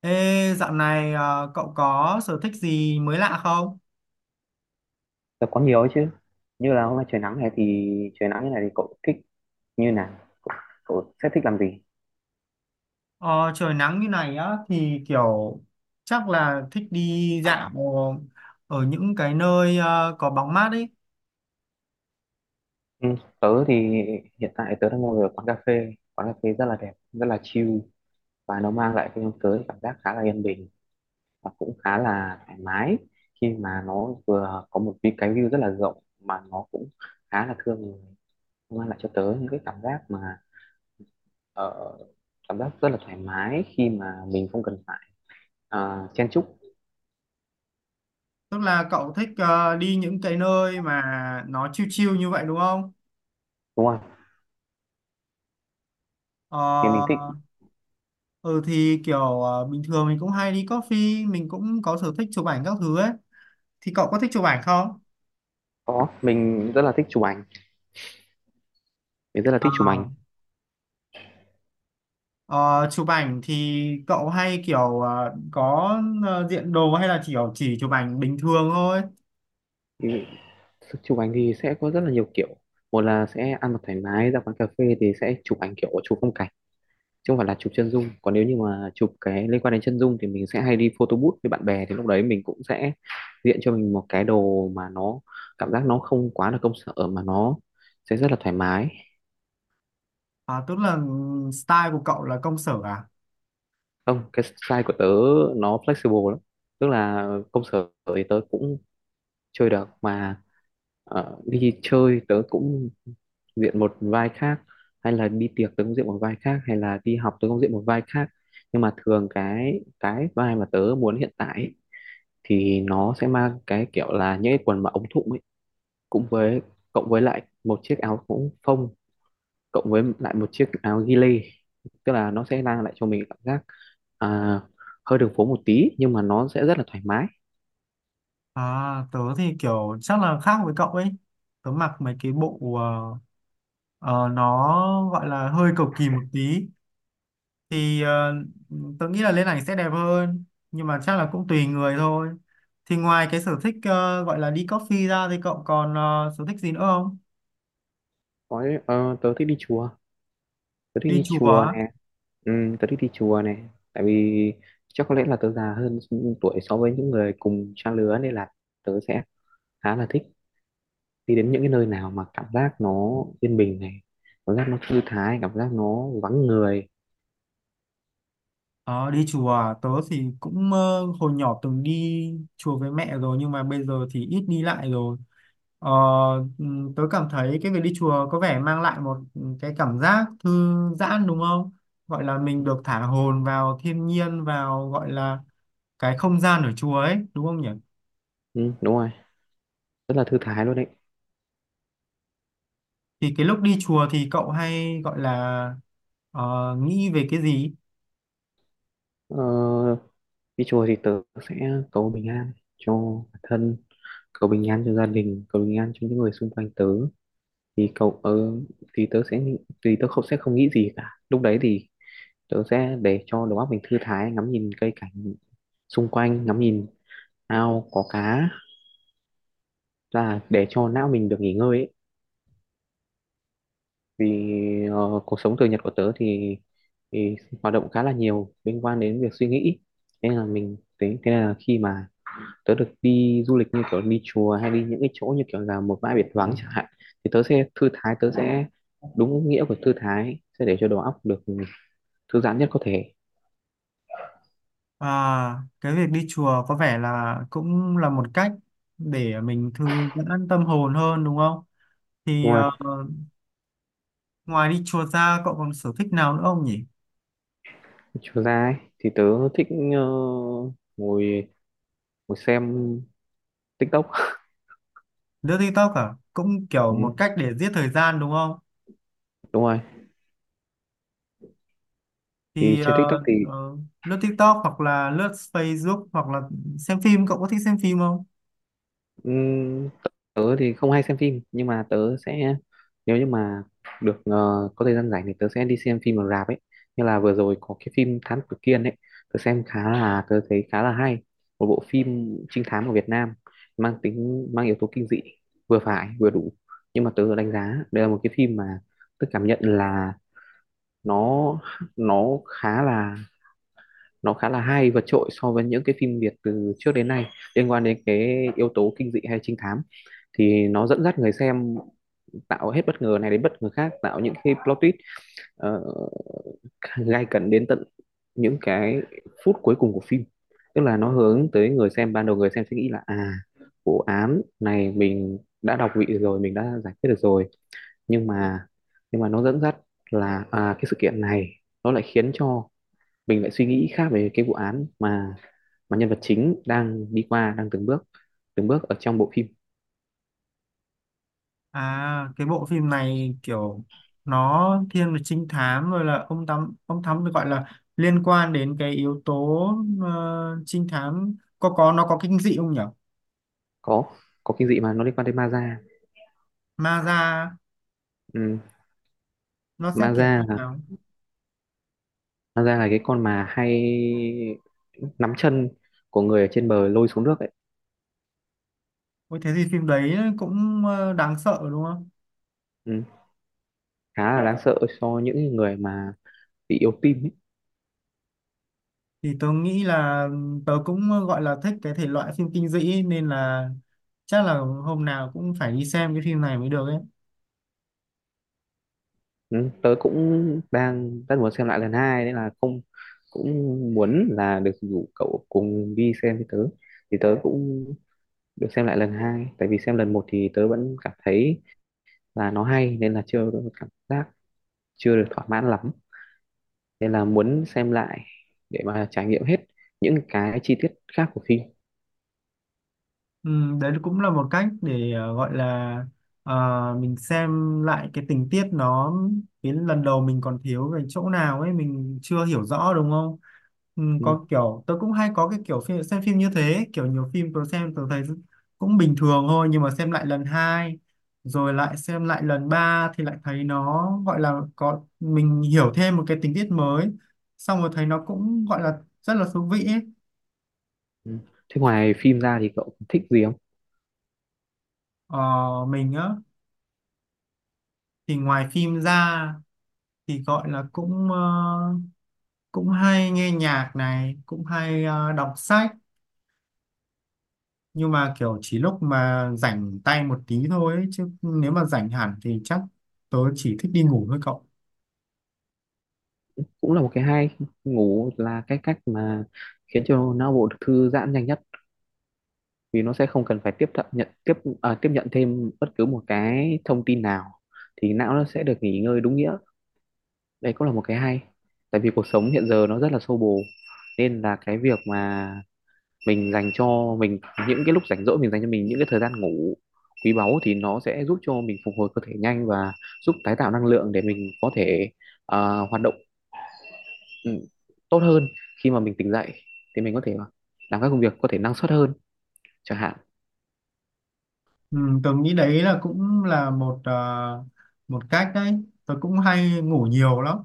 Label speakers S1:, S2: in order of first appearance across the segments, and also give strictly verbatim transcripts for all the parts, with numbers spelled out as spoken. S1: Ê, dạo này ờ, cậu có sở thích gì mới lạ không?
S2: Là có nhiều ấy chứ. Như là hôm nay trời nắng này thì trời nắng như này thì cậu thích như nào? Cậu, cậu sẽ thích làm gì?
S1: Ờ, Trời nắng như này á thì kiểu chắc là thích đi dạo ở những cái nơi ờ, có bóng mát ấy.
S2: Ừ, tớ thì hiện tại tớ đang ngồi ở quán cà phê, quán cà phê rất là đẹp, rất là chill, và nó mang lại cho tớ cảm giác khá là yên bình và cũng khá là thoải mái, khi mà nó vừa có một cái cái view rất là rộng mà nó cũng khá là thương người. Nó mang lại cho tớ những cái cảm giác mà ờ, cảm giác rất là thoải mái khi mà mình không cần phải ờ, chen chúc.
S1: Tức là cậu thích ờ, đi những cái nơi mà nó chill chill như vậy đúng không?
S2: Đúng không?
S1: Ờ,
S2: Thì mình thích.
S1: ừ thì kiểu ờ, bình thường mình cũng hay đi coffee, mình cũng có sở thích chụp ảnh các thứ ấy. Thì cậu có thích chụp ảnh không?
S2: Có, mình rất là thích chụp ảnh, mình rất là
S1: Ờ.
S2: thích chụp ảnh.
S1: Ờ, Chụp ảnh thì cậu hay kiểu ờ, có ờ, diện đồ hay là chỉ kiểu chỉ chụp ảnh bình thường thôi?
S2: Thì chụp ảnh thì sẽ có rất là nhiều kiểu. Một là sẽ ăn mặc thoải mái ra quán cà phê thì sẽ chụp ảnh kiểu chụp phong cảnh, chứ không phải là chụp chân dung. Còn nếu như mà chụp cái liên quan đến chân dung thì mình sẽ hay đi photo booth với bạn bè, thì lúc đấy mình cũng sẽ diện cho mình một cái đồ mà nó cảm giác nó không quá là công sở mà nó sẽ rất là thoải mái.
S1: À, tức là style của cậu là công sở à?
S2: Không, cái style của tớ nó flexible lắm. Tức là công sở thì tớ cũng chơi được, mà ờ, đi chơi tớ cũng diện một vai khác, hay là đi tiệc tớ cũng diện một vai khác, hay là đi học tớ cũng diện một vai khác, nhưng mà thường cái cái vai mà tớ muốn hiện tại ấy, thì nó sẽ mang cái kiểu là những cái quần mà ống thụng ấy, cũng với cộng với lại một chiếc áo cũng phông, cộng với lại một chiếc áo ghi lê, tức là nó sẽ mang lại cho mình cảm giác à, hơi đường phố một tí nhưng mà nó sẽ rất là thoải mái.
S1: À, tớ thì kiểu chắc là khác với cậu ấy. Tớ mặc mấy cái bộ ờ, ờ, nó gọi là hơi cầu kỳ một tí. Thì ờ, Tớ nghĩ là lên ảnh sẽ đẹp hơn. Nhưng mà chắc là cũng tùy người thôi. Thì ngoài cái sở thích ờ, gọi là đi coffee ra thì cậu còn ờ, sở thích gì nữa không?
S2: Có, ờ, tớ thích đi chùa, tớ thích
S1: Đi
S2: đi
S1: chùa
S2: chùa
S1: á?
S2: nè. Ừ, tớ thích đi chùa nè, tại vì chắc có lẽ là tớ già hơn tuổi so với những người cùng trang lứa, nên là tớ sẽ khá là thích đi đến những cái nơi nào mà cảm giác nó yên bình này, cảm giác nó thư thái, cảm giác nó vắng người.
S1: Ờ, đi chùa à? Tớ thì cũng ờ, hồi nhỏ từng đi chùa với mẹ rồi nhưng mà bây giờ thì ít đi lại rồi. Ờ, ừm, Tớ cảm thấy cái việc đi chùa có vẻ mang lại một cái cảm giác thư giãn đúng không? Gọi là mình được thả hồn vào thiên nhiên, vào gọi là cái không gian ở chùa ấy đúng không nhỉ?
S2: Ừ, đúng rồi, rất là thư thái luôn đấy.
S1: Thì cái lúc đi chùa thì cậu hay gọi là ờ, nghĩ về cái gì?
S2: ờ, Đi chùa thì tớ sẽ cầu bình an cho bản thân, cầu bình an cho gia đình, cầu bình an cho những người xung quanh tớ. thì cậu ờ, thì tớ sẽ thì tớ không sẽ không nghĩ gì cả lúc đấy, thì tớ sẽ để cho đầu óc mình thư thái, ngắm nhìn cây cảnh xung quanh, ngắm nhìn ao có cá, là để cho não mình được nghỉ ngơi ấy. Vì ờ, cuộc sống thường nhật của tớ thì, thì hoạt động khá là nhiều liên quan đến việc suy nghĩ, thế là mình thế, thế là khi mà tớ được đi du lịch như kiểu đi chùa, hay đi những cái chỗ như kiểu là một bãi biển vắng chẳng hạn, thì tớ sẽ thư thái, tớ sẽ đúng nghĩa của thư thái, sẽ để cho đầu óc được thư giãn nhất có thể.
S1: À, cái việc đi chùa có vẻ là cũng là một cách để mình thư giãn tâm hồn hơn đúng không? Thì
S2: Đúng không
S1: ờ,
S2: ạ?
S1: Ngoài đi chùa ra cậu còn sở thích nào nữa không nhỉ?
S2: Chiều ra ấy, thì tớ thích ờ, ngồi ngồi xem tik tok.
S1: Lướt TikTok à? Cũng kiểu
S2: Ừ,
S1: một cách để giết thời gian đúng không?
S2: đúng rồi. Thì
S1: Thì
S2: trên
S1: ờ,
S2: tik tok thì
S1: ờ, Lướt TikTok hoặc là lướt Facebook hoặc là xem phim, cậu có thích xem phim không?
S2: ừm, tớ thì không hay xem phim, nhưng mà tớ sẽ, nếu như mà được ờ, có thời gian rảnh, thì tớ sẽ đi xem phim ở rạp ấy. Như là vừa rồi có cái phim Thám Tử Kiên ấy, tớ xem khá là, tớ thấy khá là hay. Một bộ phim trinh thám của Việt Nam, mang tính mang yếu tố kinh dị vừa phải vừa đủ, nhưng mà tớ đánh giá đây là một cái phim mà tớ cảm nhận là nó nó khá là nó khá là hay, vượt trội so với những cái phim Việt từ trước đến nay liên quan đến cái yếu tố kinh dị hay trinh thám. Thì nó dẫn dắt người xem, tạo hết bất ngờ này đến bất ngờ khác, tạo những cái plot twist ờ, gay cấn đến tận những cái phút cuối cùng của phim. Tức là nó hướng tới người xem, ban đầu người xem sẽ nghĩ là à, vụ án này mình đã đọc vị rồi, mình đã giải quyết được rồi, nhưng mà nhưng mà nó dẫn dắt là à, cái sự kiện này nó lại khiến cho mình lại suy nghĩ khác về cái vụ án mà mà nhân vật chính đang đi qua, đang từng bước từng bước ở trong bộ phim.
S1: À, cái bộ phim này kiểu nó thiên về trinh thám, rồi là ông thám ông thám được gọi là liên quan đến cái yếu tố ờ, trinh thám, có có nó có kinh dị không nhỉ?
S2: có có kinh dị, mà nó liên quan tới ma da.
S1: Ma ra
S2: Ừ.
S1: nó sẽ
S2: Ma
S1: kiểu
S2: da
S1: như
S2: là,
S1: nào?
S2: ma da là cái con mà hay nắm chân của người ở trên bờ lôi xuống nước ấy.
S1: Ôi thế thì phim đấy cũng ờ, đáng sợ đúng không?
S2: Ừ. Khá là đáng sợ cho những người mà bị yếu tim ấy.
S1: Thì tớ nghĩ là tớ cũng ờ, gọi là thích cái thể loại phim kinh dị nên là chắc là hôm nào cũng phải đi xem cái phim này mới được ấy.
S2: Ừ. Tớ cũng đang rất muốn xem lại lần hai nên là không, cũng muốn là được rủ cậu cùng đi xem với tớ, thì tớ cũng được xem lại lần hai. Tại vì xem lần một thì tớ vẫn cảm thấy là nó hay, nên là chưa có một cảm giác, chưa được thỏa mãn lắm, nên là muốn xem lại để mà trải nghiệm hết những cái chi tiết khác của phim.
S1: Ừ, đấy cũng là một cách để ờ, gọi là ờ, mình xem lại cái tình tiết nó, cái lần đầu mình còn thiếu về chỗ nào ấy, mình chưa hiểu rõ đúng không? Ừ,
S2: Ừ.
S1: có kiểu tôi cũng hay có cái kiểu phim, xem phim như thế, kiểu nhiều phim tôi xem tôi thấy cũng bình thường thôi nhưng mà xem lại lần hai rồi lại xem lại lần ba thì lại thấy nó gọi là có mình hiểu thêm một cái tình tiết mới, xong rồi thấy nó cũng gọi là rất là thú vị ấy.
S2: Ừ. Thế ngoài phim ra thì cậu thích gì không?
S1: Ờ, mình á, thì ngoài phim ra thì gọi là cũng ờ, cũng hay nghe nhạc này, cũng hay ờ, đọc sách, nhưng mà kiểu chỉ lúc mà rảnh tay một tí thôi ấy, chứ nếu mà rảnh hẳn thì chắc tớ chỉ thích đi ngủ thôi cậu.
S2: Cũng là một cái hay. Ngủ là cái cách mà khiến cho não bộ được thư giãn nhanh nhất, vì nó sẽ không cần phải tiếp thận nhận tiếp à, tiếp nhận thêm bất cứ một cái thông tin nào, thì não nó sẽ được nghỉ ngơi đúng nghĩa. Đấy cũng là một cái hay. Tại vì cuộc sống hiện giờ nó rất là xô bồ, nên là cái việc mà mình dành cho mình những cái lúc rảnh rỗi, mình dành cho mình những cái thời gian ngủ quý báu, thì nó sẽ giúp cho mình phục hồi cơ thể nhanh, và giúp tái tạo năng lượng để mình có thể à, hoạt động ừ, tốt hơn. Khi mà mình tỉnh dậy thì mình có thể làm các công việc có thể năng suất hơn chẳng hạn.
S1: Ừ, tớ nghĩ đấy là cũng là một ờ, một cách đấy. Tớ cũng hay ngủ nhiều lắm,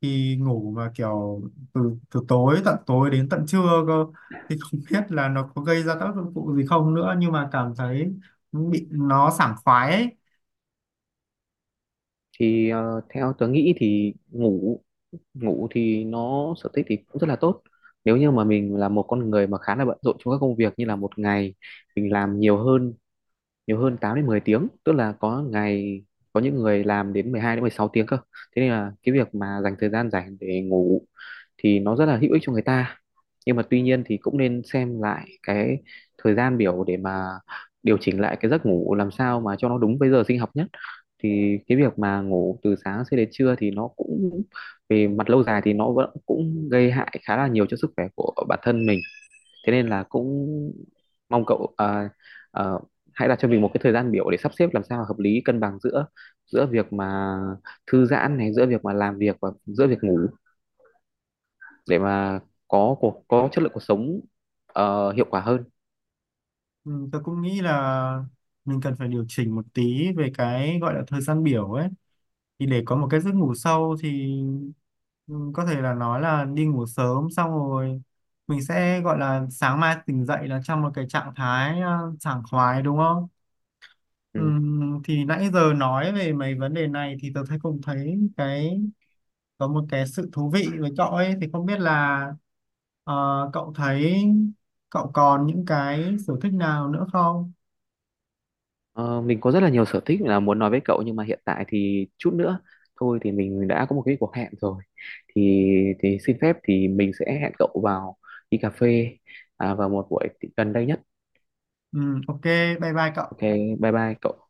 S1: thì ngủ mà kiểu từ từ tối tận tối đến tận trưa cơ, thì không biết là nó có gây ra tác dụng phụ gì không nữa nhưng mà cảm thấy bị nó sảng khoái ấy.
S2: Thì ờ, theo tớ nghĩ thì ngủ ngủ thì nó sở thích thì cũng rất là tốt, nếu như mà mình là một con người mà khá là bận rộn trong các công việc, như là một ngày mình làm nhiều hơn nhiều hơn tám đến mười tiếng, tức là có ngày có những người làm đến mười hai đến mười sáu tiếng cơ. Thế nên là cái việc mà dành thời gian rảnh để ngủ thì nó rất là hữu ích cho người ta, nhưng mà tuy nhiên thì cũng nên xem lại cái thời gian biểu để mà điều chỉnh lại cái giấc ngủ làm sao mà cho nó đúng với giờ sinh học nhất. Thì cái việc mà ngủ từ sáng cho đến trưa thì nó cũng, về mặt lâu dài thì nó vẫn cũng gây hại khá là nhiều cho sức khỏe của bản thân mình. Thế nên là cũng mong cậu à, à, hãy đặt cho mình một cái thời gian biểu để sắp xếp làm sao hợp lý, cân bằng giữa giữa việc mà thư giãn này, giữa việc mà làm việc, và giữa việc ngủ, để mà có cuộc có chất lượng cuộc sống ờ, hiệu quả hơn.
S1: Ừ, tôi cũng nghĩ là mình cần phải điều chỉnh một tí về cái gọi là thời gian biểu ấy, thì để có một cái giấc ngủ sâu thì ừ, có thể là nói là đi ngủ sớm xong rồi mình sẽ gọi là sáng mai tỉnh dậy là trong một cái trạng thái ờ, sảng khoái đúng không? Ừ,
S2: Ừ.
S1: thì nãy giờ nói về mấy vấn đề này thì tôi thấy cũng thấy cái có một cái sự thú vị với cậu ấy, thì không biết là ờ, cậu thấy cậu còn những cái sở thích nào nữa không?
S2: Ờ, mình có rất là nhiều sở thích là muốn nói với cậu, nhưng mà hiện tại thì chút nữa thôi thì mình đã có một cái cuộc hẹn rồi, thì thì xin phép thì mình sẽ hẹn cậu vào đi cà phê à, vào một buổi gần đây nhất.
S1: Ừ, ok, bye bye cậu.
S2: OK, bye bye cậu.